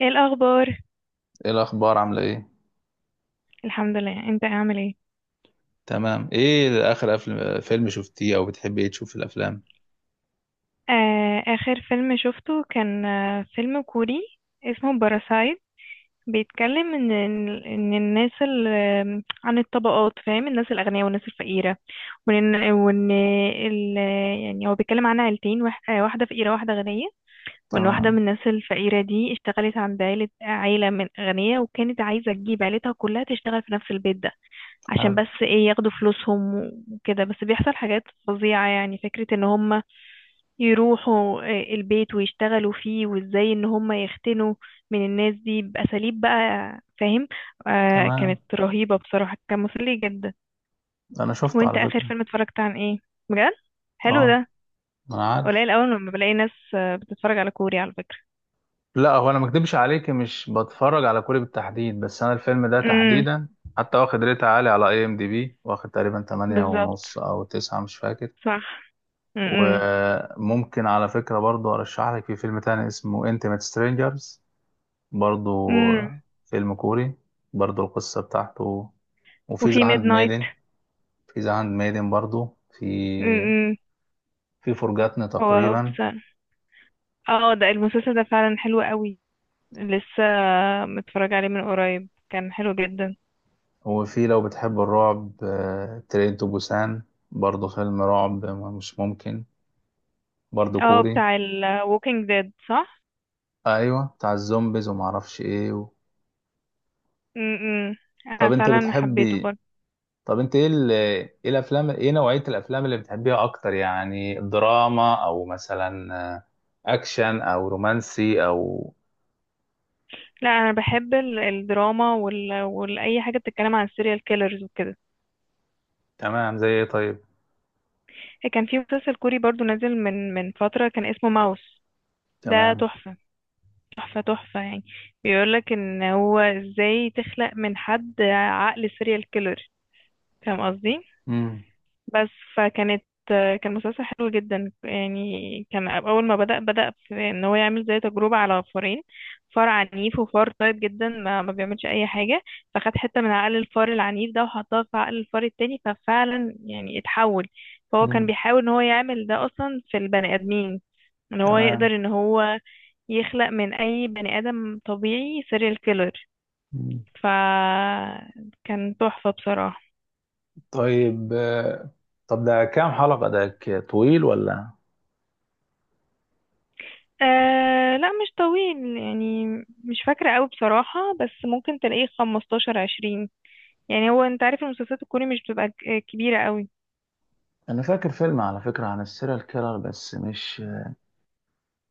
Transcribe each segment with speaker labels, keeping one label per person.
Speaker 1: ايه الاخبار.
Speaker 2: ايه الاخبار، عامله ايه؟
Speaker 1: الحمد لله، انت عامل ايه؟
Speaker 2: تمام. ايه اخر فيلم شفتيه او بتحبي ايه تشوف في الافلام؟
Speaker 1: آه، اخر فيلم شفته كان فيلم كوري اسمه باراسايت. بيتكلم ان الناس ال- آم، عن الطبقات، فاهم، الناس الاغنياء والناس الفقيره. وان وان ال يعني هو بيتكلم عن عيلتين، واحده فقيره واحده غنيه. وان واحده من
Speaker 2: تمام.
Speaker 1: الناس الفقيره دي اشتغلت عند عيله من غنيه، وكانت عايزه تجيب عيلتها كلها تشتغل في نفس البيت ده، عشان
Speaker 2: حلو.
Speaker 1: بس ايه، ياخدوا فلوسهم. وكده، بس بيحصل حاجات فظيعة، يعني فكرة ان هم يروحوا البيت ويشتغلوا فيه، وازاي ان هم يختنوا من الناس دي بأساليب بقى، فاهم. آه،
Speaker 2: تمام.
Speaker 1: كانت رهيبة بصراحة، كان مسلي جدا.
Speaker 2: انا شفت
Speaker 1: وانت
Speaker 2: على
Speaker 1: اخر
Speaker 2: فكره.
Speaker 1: فيلم اتفرجت عن ايه؟ بجد حلو
Speaker 2: اه
Speaker 1: ده،
Speaker 2: انا عارف.
Speaker 1: قليل اول لما بلاقي ناس بتتفرج على كوري على فكرة.
Speaker 2: لا، هو انا ما اكدبش عليك، مش بتفرج على كوري بالتحديد، بس انا الفيلم ده
Speaker 1: امم،
Speaker 2: تحديدا حتى واخد ريت عالي على اي ام دي بي، واخد تقريبا 8
Speaker 1: بالظبط،
Speaker 2: ونص او 9 مش فاكر.
Speaker 1: صح. امم.
Speaker 2: وممكن على فكره برضو ارشح لك في فيلم تاني اسمه انتيميت سترينجرز، برضو
Speaker 1: امم.
Speaker 2: فيلم كوري، برضو القصة بتاعته. وفي ذا
Speaker 1: وفي ميد
Speaker 2: هاند
Speaker 1: نايت.
Speaker 2: ميدن، في ذا هاند ميدن برضو، في
Speaker 1: امم.
Speaker 2: في فرجاتنا
Speaker 1: هو
Speaker 2: تقريبا.
Speaker 1: بس، اه ده المسلسل ده فعلا حلو قوي. لسه متفرج عليه من قريب، كان حلو جدا.
Speaker 2: وفي لو بتحب الرعب، ترين تو بوسان، برضو فيلم رعب مش ممكن، برضو
Speaker 1: اه،
Speaker 2: كوري.
Speaker 1: بتاع ال Walking Dead، صح؟
Speaker 2: ايوه بتاع الزومبيز ومعرفش ايه.
Speaker 1: م -م. انا
Speaker 2: طب انت
Speaker 1: فعلا حبيته
Speaker 2: بتحبي،
Speaker 1: برضه.
Speaker 2: طب انت ايه ايه الافلام، ايه نوعية الافلام اللي بتحبيها اكتر؟ يعني دراما او مثلا اكشن او رومانسي او.
Speaker 1: لا، انا بحب الدراما والاي حاجه بتتكلم عن السيريال كيلرز وكده.
Speaker 2: تمام، زي ايه طيب؟
Speaker 1: كان في مسلسل كوري برضه نازل من فتره، كان اسمه ماوس. ده
Speaker 2: تمام.
Speaker 1: تحفه، تحفه يعني. بيقولك ان هو ازاي تخلق من حد عقل سيريال كيلر، فاهم قصدي.
Speaker 2: امم.
Speaker 1: بس فكانت كان مسلسل حلو جدا يعني. كان اول ما بدأ في ان هو يعمل زي تجربة على فارين، فار عنيف وفار طيب جدا ما بيعملش اي حاجة. فخد حتة من عقل الفار العنيف ده وحطها في عقل الفار التاني، ففعلا يعني اتحول. فهو كان
Speaker 2: امم.
Speaker 1: بيحاول ان هو يعمل ده اصلا في البني ادمين، ان هو
Speaker 2: تمام.
Speaker 1: يقدر ان هو يخلق من اي بني ادم طبيعي سيريال كيلر.
Speaker 2: مم.
Speaker 1: فكان تحفة بصراحة.
Speaker 2: طيب، طب ده كام حلقة؟ ده طويل ولا؟
Speaker 1: آه لا، مش طويل يعني، مش فاكرة قوي بصراحة، بس ممكن تلاقيه خمستاشر، عشرين. يعني هو انت عارف المسلسلات الكوري مش بتبقى كبيرة قوي.
Speaker 2: انا فاكر فيلم على فكرة عن السيريال كيلر، بس مش،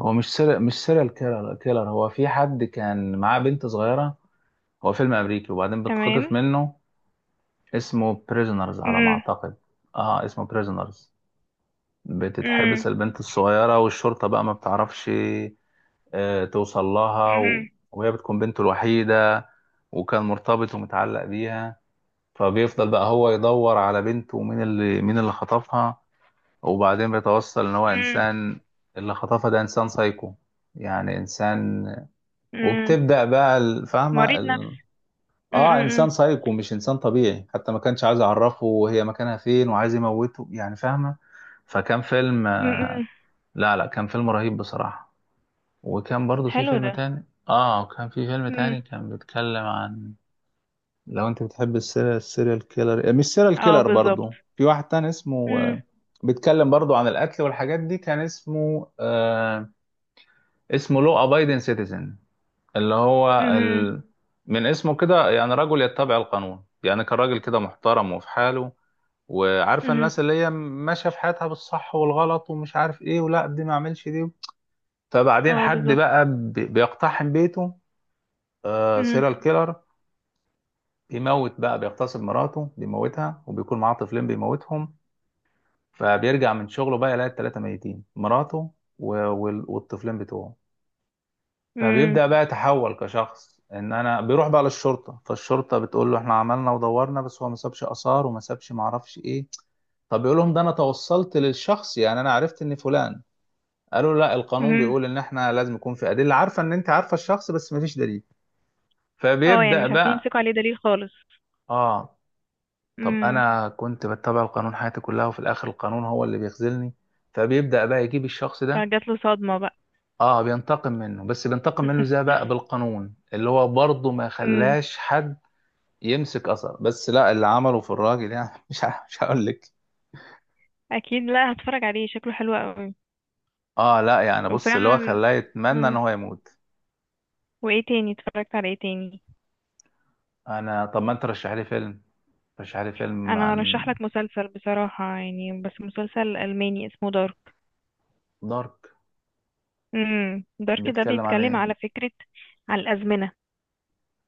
Speaker 2: هو مش سيريال، مش سيريال كيلر هو، في حد كان معاه بنت صغيرة، هو فيلم امريكي وبعدين
Speaker 1: تمام.
Speaker 2: بتخطف منه. اسمه بريزنرز على ما
Speaker 1: مم.
Speaker 2: اعتقد. اه اسمه بريزنرز.
Speaker 1: مم.
Speaker 2: بتتحبس البنت الصغيرة، والشرطة بقى ما بتعرفش توصل لها
Speaker 1: مم.
Speaker 2: وهي بتكون بنته الوحيدة، وكان مرتبط ومتعلق بيها. فبيفضل بقى هو يدور على بنته، ومين اللي خطفها. وبعدين بيتوصل ان هو
Speaker 1: مم.
Speaker 2: انسان، اللي خطفها ده انسان سايكو، يعني انسان.
Speaker 1: مم.
Speaker 2: وبتبدأ بقى الفاهمة
Speaker 1: مريض
Speaker 2: ال...
Speaker 1: نفسي. مم.
Speaker 2: اه انسان
Speaker 1: مم.
Speaker 2: سايكو، مش انسان طبيعي، حتى ما كانش عايز يعرفه وهي مكانها فين، وعايز يموته يعني، فاهمة. فكان فيلم
Speaker 1: مم. مم.
Speaker 2: لا كان فيلم رهيب بصراحة. وكان برضو في
Speaker 1: حلو
Speaker 2: فيلم
Speaker 1: ده.
Speaker 2: تاني، اه وكان في فيلم
Speaker 1: مم.
Speaker 2: تاني كان بيتكلم عن، لو انت بتحب السيريال كيلر، مش سيريال
Speaker 1: اه
Speaker 2: كيلر،
Speaker 1: بالظبط.
Speaker 2: برضو في واحد تاني اسمه
Speaker 1: مم.
Speaker 2: بيتكلم برضو عن القتل والحاجات دي. كان اسمه اسمه لو ابايدن سيتيزن، اللي هو
Speaker 1: مم.
Speaker 2: من اسمه كده يعني رجل يتبع القانون. يعني كان راجل كده محترم وفي حاله، وعارفه
Speaker 1: مم.
Speaker 2: الناس اللي هي ماشيه في حياتها بالصح والغلط ومش عارف ايه، ولا دي ما اعملش دي. فبعدين
Speaker 1: اه
Speaker 2: حد
Speaker 1: بالظبط.
Speaker 2: بقى بيقتحم بيته، آه
Speaker 1: مم.
Speaker 2: سيريال كيلر، بيموت بقى، بيغتصب مراته، بيموتها، وبيكون معاه طفلين بيموتهم. فبيرجع من شغله بقى يلاقي التلاتة ميتين، مراته و والطفلين بتوعه.
Speaker 1: مم.
Speaker 2: فبيبدأ بقى يتحول كشخص ان انا بيروح بقى للشرطة، فالشرطة بتقول له احنا عملنا ودورنا، بس هو ما سابش آثار وما سابش ما اعرفش ايه. طب يقول لهم ده انا توصلت للشخص، يعني انا عرفت ان فلان. قالوا لا، القانون
Speaker 1: مم.
Speaker 2: بيقول ان احنا لازم يكون في ادله، عارفه ان انت عارفه الشخص بس مفيش دليل.
Speaker 1: اه يعني
Speaker 2: فبيبدا
Speaker 1: مش عارفين
Speaker 2: بقى،
Speaker 1: يمسكوا عليه دليل خالص.
Speaker 2: اه، طب
Speaker 1: مم.
Speaker 2: انا كنت بتبع القانون حياتي كلها، وفي الاخر القانون هو اللي بيخذلني. فبيبدا بقى يجيب الشخص ده.
Speaker 1: فجات له صدمة بقى.
Speaker 2: اه بينتقم منه، بس بينتقم منه ازاي بقى؟ بالقانون، اللي هو برضه ما
Speaker 1: مم.
Speaker 2: خلاش حد يمسك اثر. بس لا، اللي عمله في الراجل يعني مش هقول لك.
Speaker 1: اكيد لا، هتفرج عليه، شكله حلو قوي.
Speaker 2: اه لا يعني بص، اللي هو
Speaker 1: وفعلا.
Speaker 2: خلاه يتمنى ان
Speaker 1: مم.
Speaker 2: هو يموت.
Speaker 1: وايه تاني، اتفرجت على ايه تاني؟
Speaker 2: انا طب ما انت رشح لي فيلم، رشح لي فيلم
Speaker 1: انا
Speaker 2: عن.
Speaker 1: هرشح لك مسلسل بصراحة يعني، بس مسلسل الماني اسمه دارك.
Speaker 2: دارك،
Speaker 1: امم، دارك ده
Speaker 2: بيتكلم عن
Speaker 1: بيتكلم
Speaker 2: ايه؟
Speaker 1: على فكرة على الازمنة.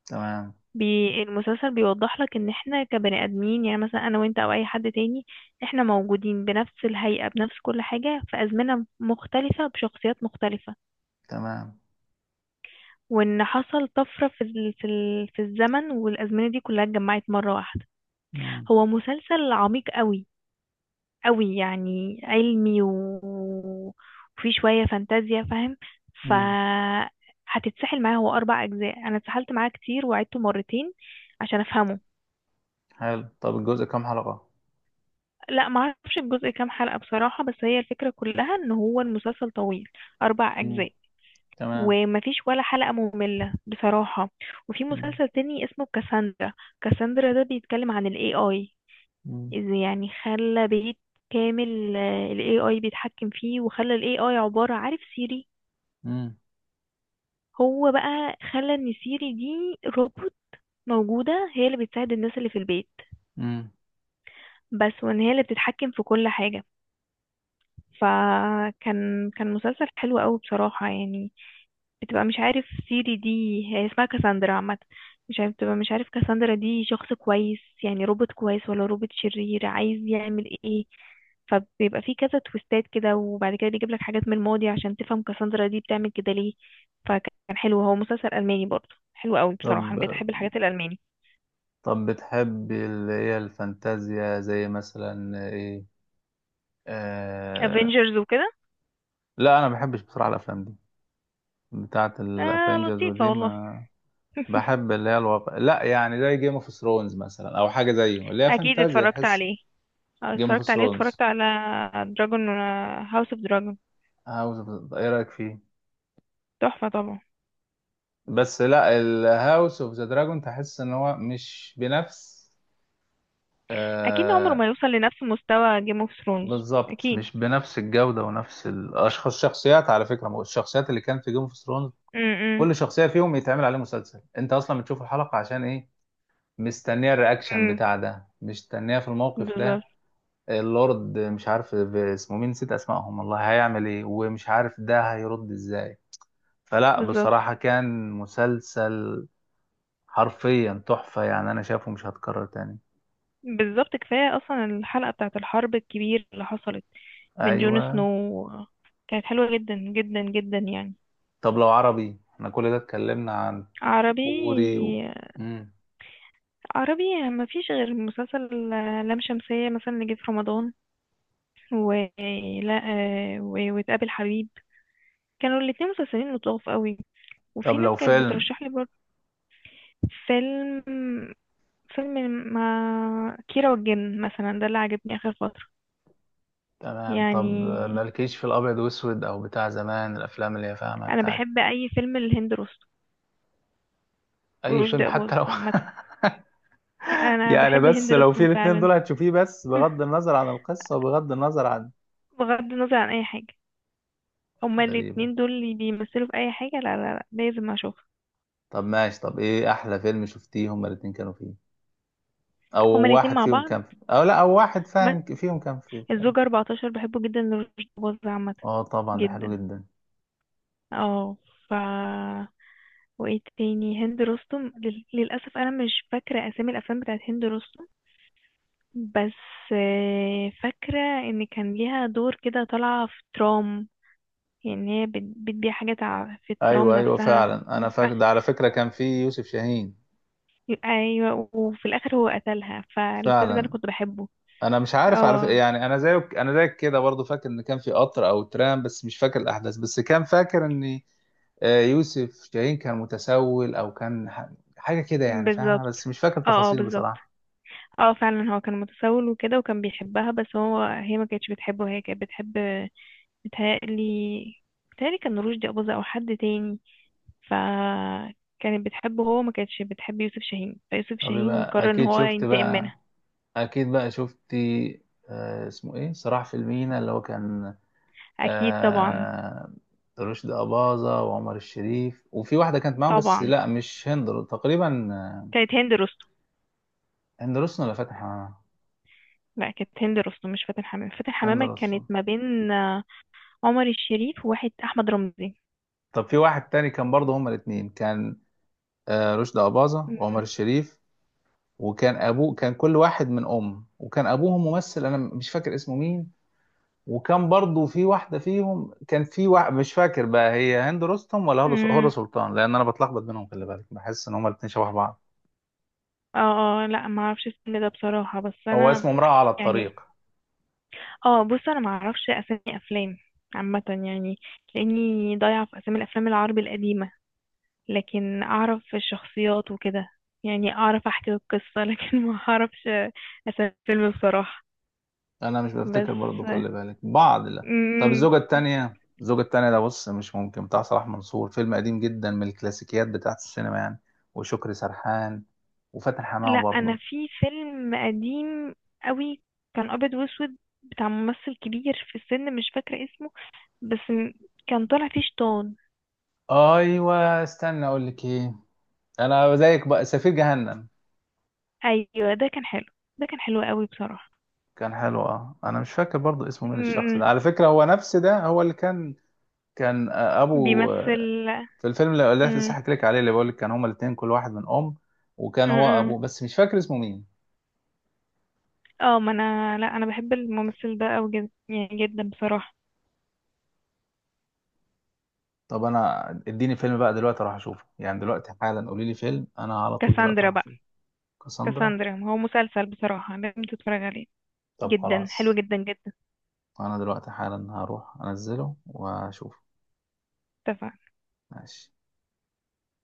Speaker 2: تمام.
Speaker 1: بي المسلسل بيوضح لك ان احنا كبني ادمين، يعني مثلا انا وانت او اي حد تاني، احنا موجودين بنفس الهيئة بنفس كل حاجة في ازمنة مختلفة بشخصيات مختلفة،
Speaker 2: تمام.
Speaker 1: وان حصل طفرة في الزمن والازمنة دي كلها اتجمعت مرة واحدة.
Speaker 2: مم.
Speaker 1: هو مسلسل عميق قوي قوي يعني، علمي وفي شوية فانتازيا، فاهم. ف
Speaker 2: مم.
Speaker 1: هتتسحل معاه، هو أربع أجزاء، أنا اتسحلت معاه كتير وعدته مرتين عشان أفهمه.
Speaker 2: حلو، طب الجزء كام حلقة؟
Speaker 1: لا، معرفش الجزء كام حلقة بصراحة، بس هي الفكرة كلها إن هو المسلسل طويل، أربع
Speaker 2: مم.
Speaker 1: أجزاء،
Speaker 2: تمام.
Speaker 1: ومفيش ولا حلقة مملة بصراحة. وفي
Speaker 2: مم.
Speaker 1: مسلسل تاني اسمه كاساندرا. كاساندرا ده بيتكلم عن ال AI.
Speaker 2: مم.
Speaker 1: إذا يعني خلى بيت كامل ال AI بيتحكم فيه، وخلى ال AI عبارة عارف سيري.
Speaker 2: مم.
Speaker 1: هو بقى خلى ان سيري دي روبوت موجودة هي اللي بتساعد الناس اللي في البيت
Speaker 2: مم.
Speaker 1: بس، وان هي اللي بتتحكم في كل حاجة. فكان كان مسلسل حلو قوي بصراحة يعني. بتبقى مش عارف سيري دي، هي اسمها كاساندرا عامة، مش عارف، بتبقى مش عارف كاساندرا دي شخص كويس يعني روبوت كويس ولا روبوت شرير عايز يعمل ايه. فبيبقى في كذا تويستات كده، وبعد كده بيجيب لك حاجات من الماضي عشان تفهم كاساندرا دي بتعمل كده ليه. فكان حلو، هو مسلسل ألماني برضه، حلو قوي بصراحة،
Speaker 2: طب
Speaker 1: انا بقيت احب الحاجات الألماني.
Speaker 2: طب بتحب اللي هي الفانتازيا زي مثلا ايه؟ آه...
Speaker 1: افنجرز وكده.
Speaker 2: لا انا ما بحبش بصراحه الافلام دي، بتاعه
Speaker 1: آه
Speaker 2: الافنجرز
Speaker 1: لطيفة
Speaker 2: ودي
Speaker 1: والله.
Speaker 2: ما، بحب اللي هي الواقع، لا يعني، زي جيم اوف ثرونز مثلا او حاجه زيه، اللي هي
Speaker 1: اكيد
Speaker 2: فانتازيا
Speaker 1: اتفرجت
Speaker 2: تحس.
Speaker 1: عليه.
Speaker 2: جيم اوف
Speaker 1: اتفرجت عليه،
Speaker 2: ثرونز.
Speaker 1: اتفرجت على دراجون هاوس اوف دراجون.
Speaker 2: هاوس اوف، ايه رايك فيه؟
Speaker 1: تحفة طبعا.
Speaker 2: بس لا، الهاوس اوف ذا دراجون تحس ان هو مش بنفس
Speaker 1: اكيد عمره
Speaker 2: آه،
Speaker 1: ما يوصل لنفس مستوى جيم اوف ثرونز
Speaker 2: بالظبط،
Speaker 1: اكيد.
Speaker 2: مش بنفس الجودة ونفس الشخصيات على فكرة. ما هو الشخصيات اللي كانت في جيم اوف ثرونز،
Speaker 1: امم.
Speaker 2: كل شخصية فيهم يتعمل عليه مسلسل. أنت أصلا بتشوف الحلقة عشان إيه؟ مستنية الرياكشن
Speaker 1: امم،
Speaker 2: بتاع ده، مستنية في الموقف
Speaker 1: بالظبط.
Speaker 2: ده. اللورد مش عارف اسمه مين، نسيت أسمائهم والله، هيعمل إيه، ومش عارف ده هيرد إزاي. فلا
Speaker 1: بالظبط.
Speaker 2: بصراحة كان مسلسل حرفيا تحفة يعني، أنا شايفه مش هتكرر تاني.
Speaker 1: بالظبط، كفايه اصلا الحلقه بتاعه الحرب الكبير اللي حصلت من جون
Speaker 2: أيوة.
Speaker 1: سنو، كانت حلوه جدا جدا جدا يعني.
Speaker 2: طب لو عربي، إحنا كل ده اتكلمنا عن
Speaker 1: عربي.
Speaker 2: كوري مم.
Speaker 1: عربي ما فيش غير مسلسل لام شمسية مثلا اللي جه في رمضان، و لا آه، و- وتقابل حبيب. كانوا الاتنين مسلسلين لطاف قوي، وفي
Speaker 2: طب
Speaker 1: ناس
Speaker 2: لو
Speaker 1: كانت
Speaker 2: فيلم.
Speaker 1: بترشح لي برضه. فيلم. فيلم ما كيرة والجن مثلا ده اللي عجبني آخر فترة
Speaker 2: تمام، طب
Speaker 1: يعني.
Speaker 2: مالكيش في الابيض واسود او بتاع زمان، الافلام اللي هي فاهمه
Speaker 1: أنا
Speaker 2: بتاعت.
Speaker 1: بحب أي فيلم لهند رستم
Speaker 2: اي فيلم
Speaker 1: ورشدي
Speaker 2: حتى
Speaker 1: أباظة
Speaker 2: لو
Speaker 1: عامة. أنا
Speaker 2: يعني،
Speaker 1: بحب
Speaker 2: بس
Speaker 1: هند
Speaker 2: لو في
Speaker 1: رستم
Speaker 2: الاتنين
Speaker 1: فعلا.
Speaker 2: دول هتشوفيه، بس بغض النظر عن القصه وبغض النظر عن.
Speaker 1: بغض النظر عن أي حاجة، هما
Speaker 2: غريبه.
Speaker 1: الاتنين دول اللي بيمثلوا في أي حاجة، لا لا لا، لازم أشوفها.
Speaker 2: طب ماشي، طب ايه احلى فيلم شفتيه هما الاتنين كانوا فيه؟ او
Speaker 1: هما الاتنين
Speaker 2: واحد
Speaker 1: مع
Speaker 2: فيهم
Speaker 1: بعض.
Speaker 2: كان او لا، او واحد
Speaker 1: ما-
Speaker 2: فاهم فيهم كان فيه.
Speaker 1: الزوجة 14، بحبه جدا لرشدي أباظة عامة.
Speaker 2: اه طبعا ده حلو
Speaker 1: جدا.
Speaker 2: جدا.
Speaker 1: اه. ف وايه تاني، هند رستم للأسف أنا مش فاكرة أسامي الأفلام بتاعت هند رستم. بس فاكرة ان كان ليها دور كده طالعة في ترام، يعني هي بتبيع حاجات في الترام
Speaker 2: ايوه ايوه
Speaker 1: نفسها،
Speaker 2: فعلا، انا
Speaker 1: وفي
Speaker 2: فاكر
Speaker 1: آخر.
Speaker 2: ده على فكره كان فيه يوسف شاهين.
Speaker 1: ايوه، وفي الاخر هو قتلها، فالفيلم ده انا
Speaker 2: فعلا.
Speaker 1: كنت بحبه.
Speaker 2: انا مش عارف، عارف
Speaker 1: اه
Speaker 2: يعني، انا زيك كده برضو فاكر ان كان في قطر او ترام، بس مش فاكر الاحداث، بس كان فاكر ان يوسف شاهين كان متسول او كان حاجه كده يعني فاهمه،
Speaker 1: بالظبط.
Speaker 2: بس مش فاكر
Speaker 1: اه اه
Speaker 2: تفاصيل
Speaker 1: بالظبط.
Speaker 2: بصراحه.
Speaker 1: اه فعلا هو كان متسول وكده وكان بيحبها، بس هو هي ما كانتش بتحبه، هي كانت بتحب، بتهيألي بتهيألي كان رشدي أباظة أو حد تاني. فكانت بتحبه، هو ما كانتش بتحب يوسف شاهين، فيوسف
Speaker 2: طب
Speaker 1: شاهين
Speaker 2: يبقى
Speaker 1: قرر ان
Speaker 2: اكيد
Speaker 1: هو
Speaker 2: شفت
Speaker 1: ينتقم
Speaker 2: بقى،
Speaker 1: منها.
Speaker 2: اكيد بقى شفتي اسمه ايه، صراع في المينا، اللي هو كان
Speaker 1: اكيد طبعا.
Speaker 2: آه، رشدي اباظه وعمر الشريف، وفي واحده كانت معاهم، بس
Speaker 1: طبعا،
Speaker 2: لا مش هند تقريبا
Speaker 1: كانت هند رستم.
Speaker 2: هند رستم ولا فاتن حمامه؟
Speaker 1: لا، كانت هند رستم مش فاتن حمامة، فاتن
Speaker 2: هند
Speaker 1: حمامة
Speaker 2: رستم.
Speaker 1: كانت ما بين عمر الشريف وواحد احمد رمزي.
Speaker 2: طب في واحد تاني كان برضه هما الاثنين، كان رشدي أباظة وعمر الشريف، وكان أبوه، كان كل واحد من أم، وكان أبوهم ممثل، أنا مش فاكر اسمه مين. وكان برضه في واحدة فيهم، كان في واحد مش فاكر بقى هي هند رستم ولا هدى
Speaker 1: امم.
Speaker 2: سلطان، لأن أنا بتلخبط بينهم، خلي بالك، بحس إن هما الاثنين شبه بعض.
Speaker 1: اه اه لا، ما اعرفش الفيلم ده بصراحة، بس
Speaker 2: هو
Speaker 1: انا
Speaker 2: اسمه امرأة على
Speaker 1: يعني.
Speaker 2: الطريق.
Speaker 1: اه بص، انا ما اعرفش اسامي افلام عامة يعني، لاني ضايعة في اسامي الافلام العربي القديمة، لكن اعرف الشخصيات وكده، يعني اعرف احكي القصة لكن ما اعرفش اسامي الفيلم بصراحة.
Speaker 2: انا مش
Speaker 1: بس.
Speaker 2: بفتكر برضه، خلي بالك، بعض لا. طب
Speaker 1: مم.
Speaker 2: الزوجة التانية، الزوجة التانية ده بص مش ممكن، بتاع صلاح منصور، فيلم قديم جدا من الكلاسيكيات بتاعت السينما يعني، وشكري سرحان وفاتن حمامة
Speaker 1: لا، انا
Speaker 2: برضه.
Speaker 1: في فيلم قديم قوي كان ابيض واسود بتاع ممثل كبير في السن مش فاكرة اسمه، بس كان طالع فيه شيطان.
Speaker 2: ايوه استنى اقول لك ايه، انا زيك بقى، سفير جهنم.
Speaker 1: ايوه، ده كان حلو، ده كان حلو قوي بصراحة.
Speaker 2: كان حلو، اه انا مش فاكر برضه اسمه مين الشخص
Speaker 1: م- م.
Speaker 2: ده على فكرة، هو نفس ده هو اللي كان، كان ابو
Speaker 1: بيمثل.
Speaker 2: في الفيلم اللي لسه
Speaker 1: م-
Speaker 2: حكيت لك عليه، اللي بقول لك كان هما الاتنين كل واحد من ام، وكان
Speaker 1: م-
Speaker 2: هو
Speaker 1: م.
Speaker 2: ابوه بس مش فاكر اسمه مين.
Speaker 1: اه، ما انا لا انا بحب الممثل ده قوي جدا يعني، جدا بصراحة.
Speaker 2: طب انا اديني فيلم بقى دلوقتي اروح اشوفه، يعني دلوقتي حالا قولي لي فيلم، انا على طول دلوقتي
Speaker 1: كاساندرا
Speaker 2: هروح
Speaker 1: بقى.
Speaker 2: اشوفه. كاساندرا.
Speaker 1: كاساندرا هو مسلسل بصراحة لازم تتفرج عليه،
Speaker 2: طب
Speaker 1: جدا حلو
Speaker 2: خلاص،
Speaker 1: جدا جدا.
Speaker 2: انا دلوقتي حالا هروح انزله واشوفه.
Speaker 1: اتفق.
Speaker 2: ماشي.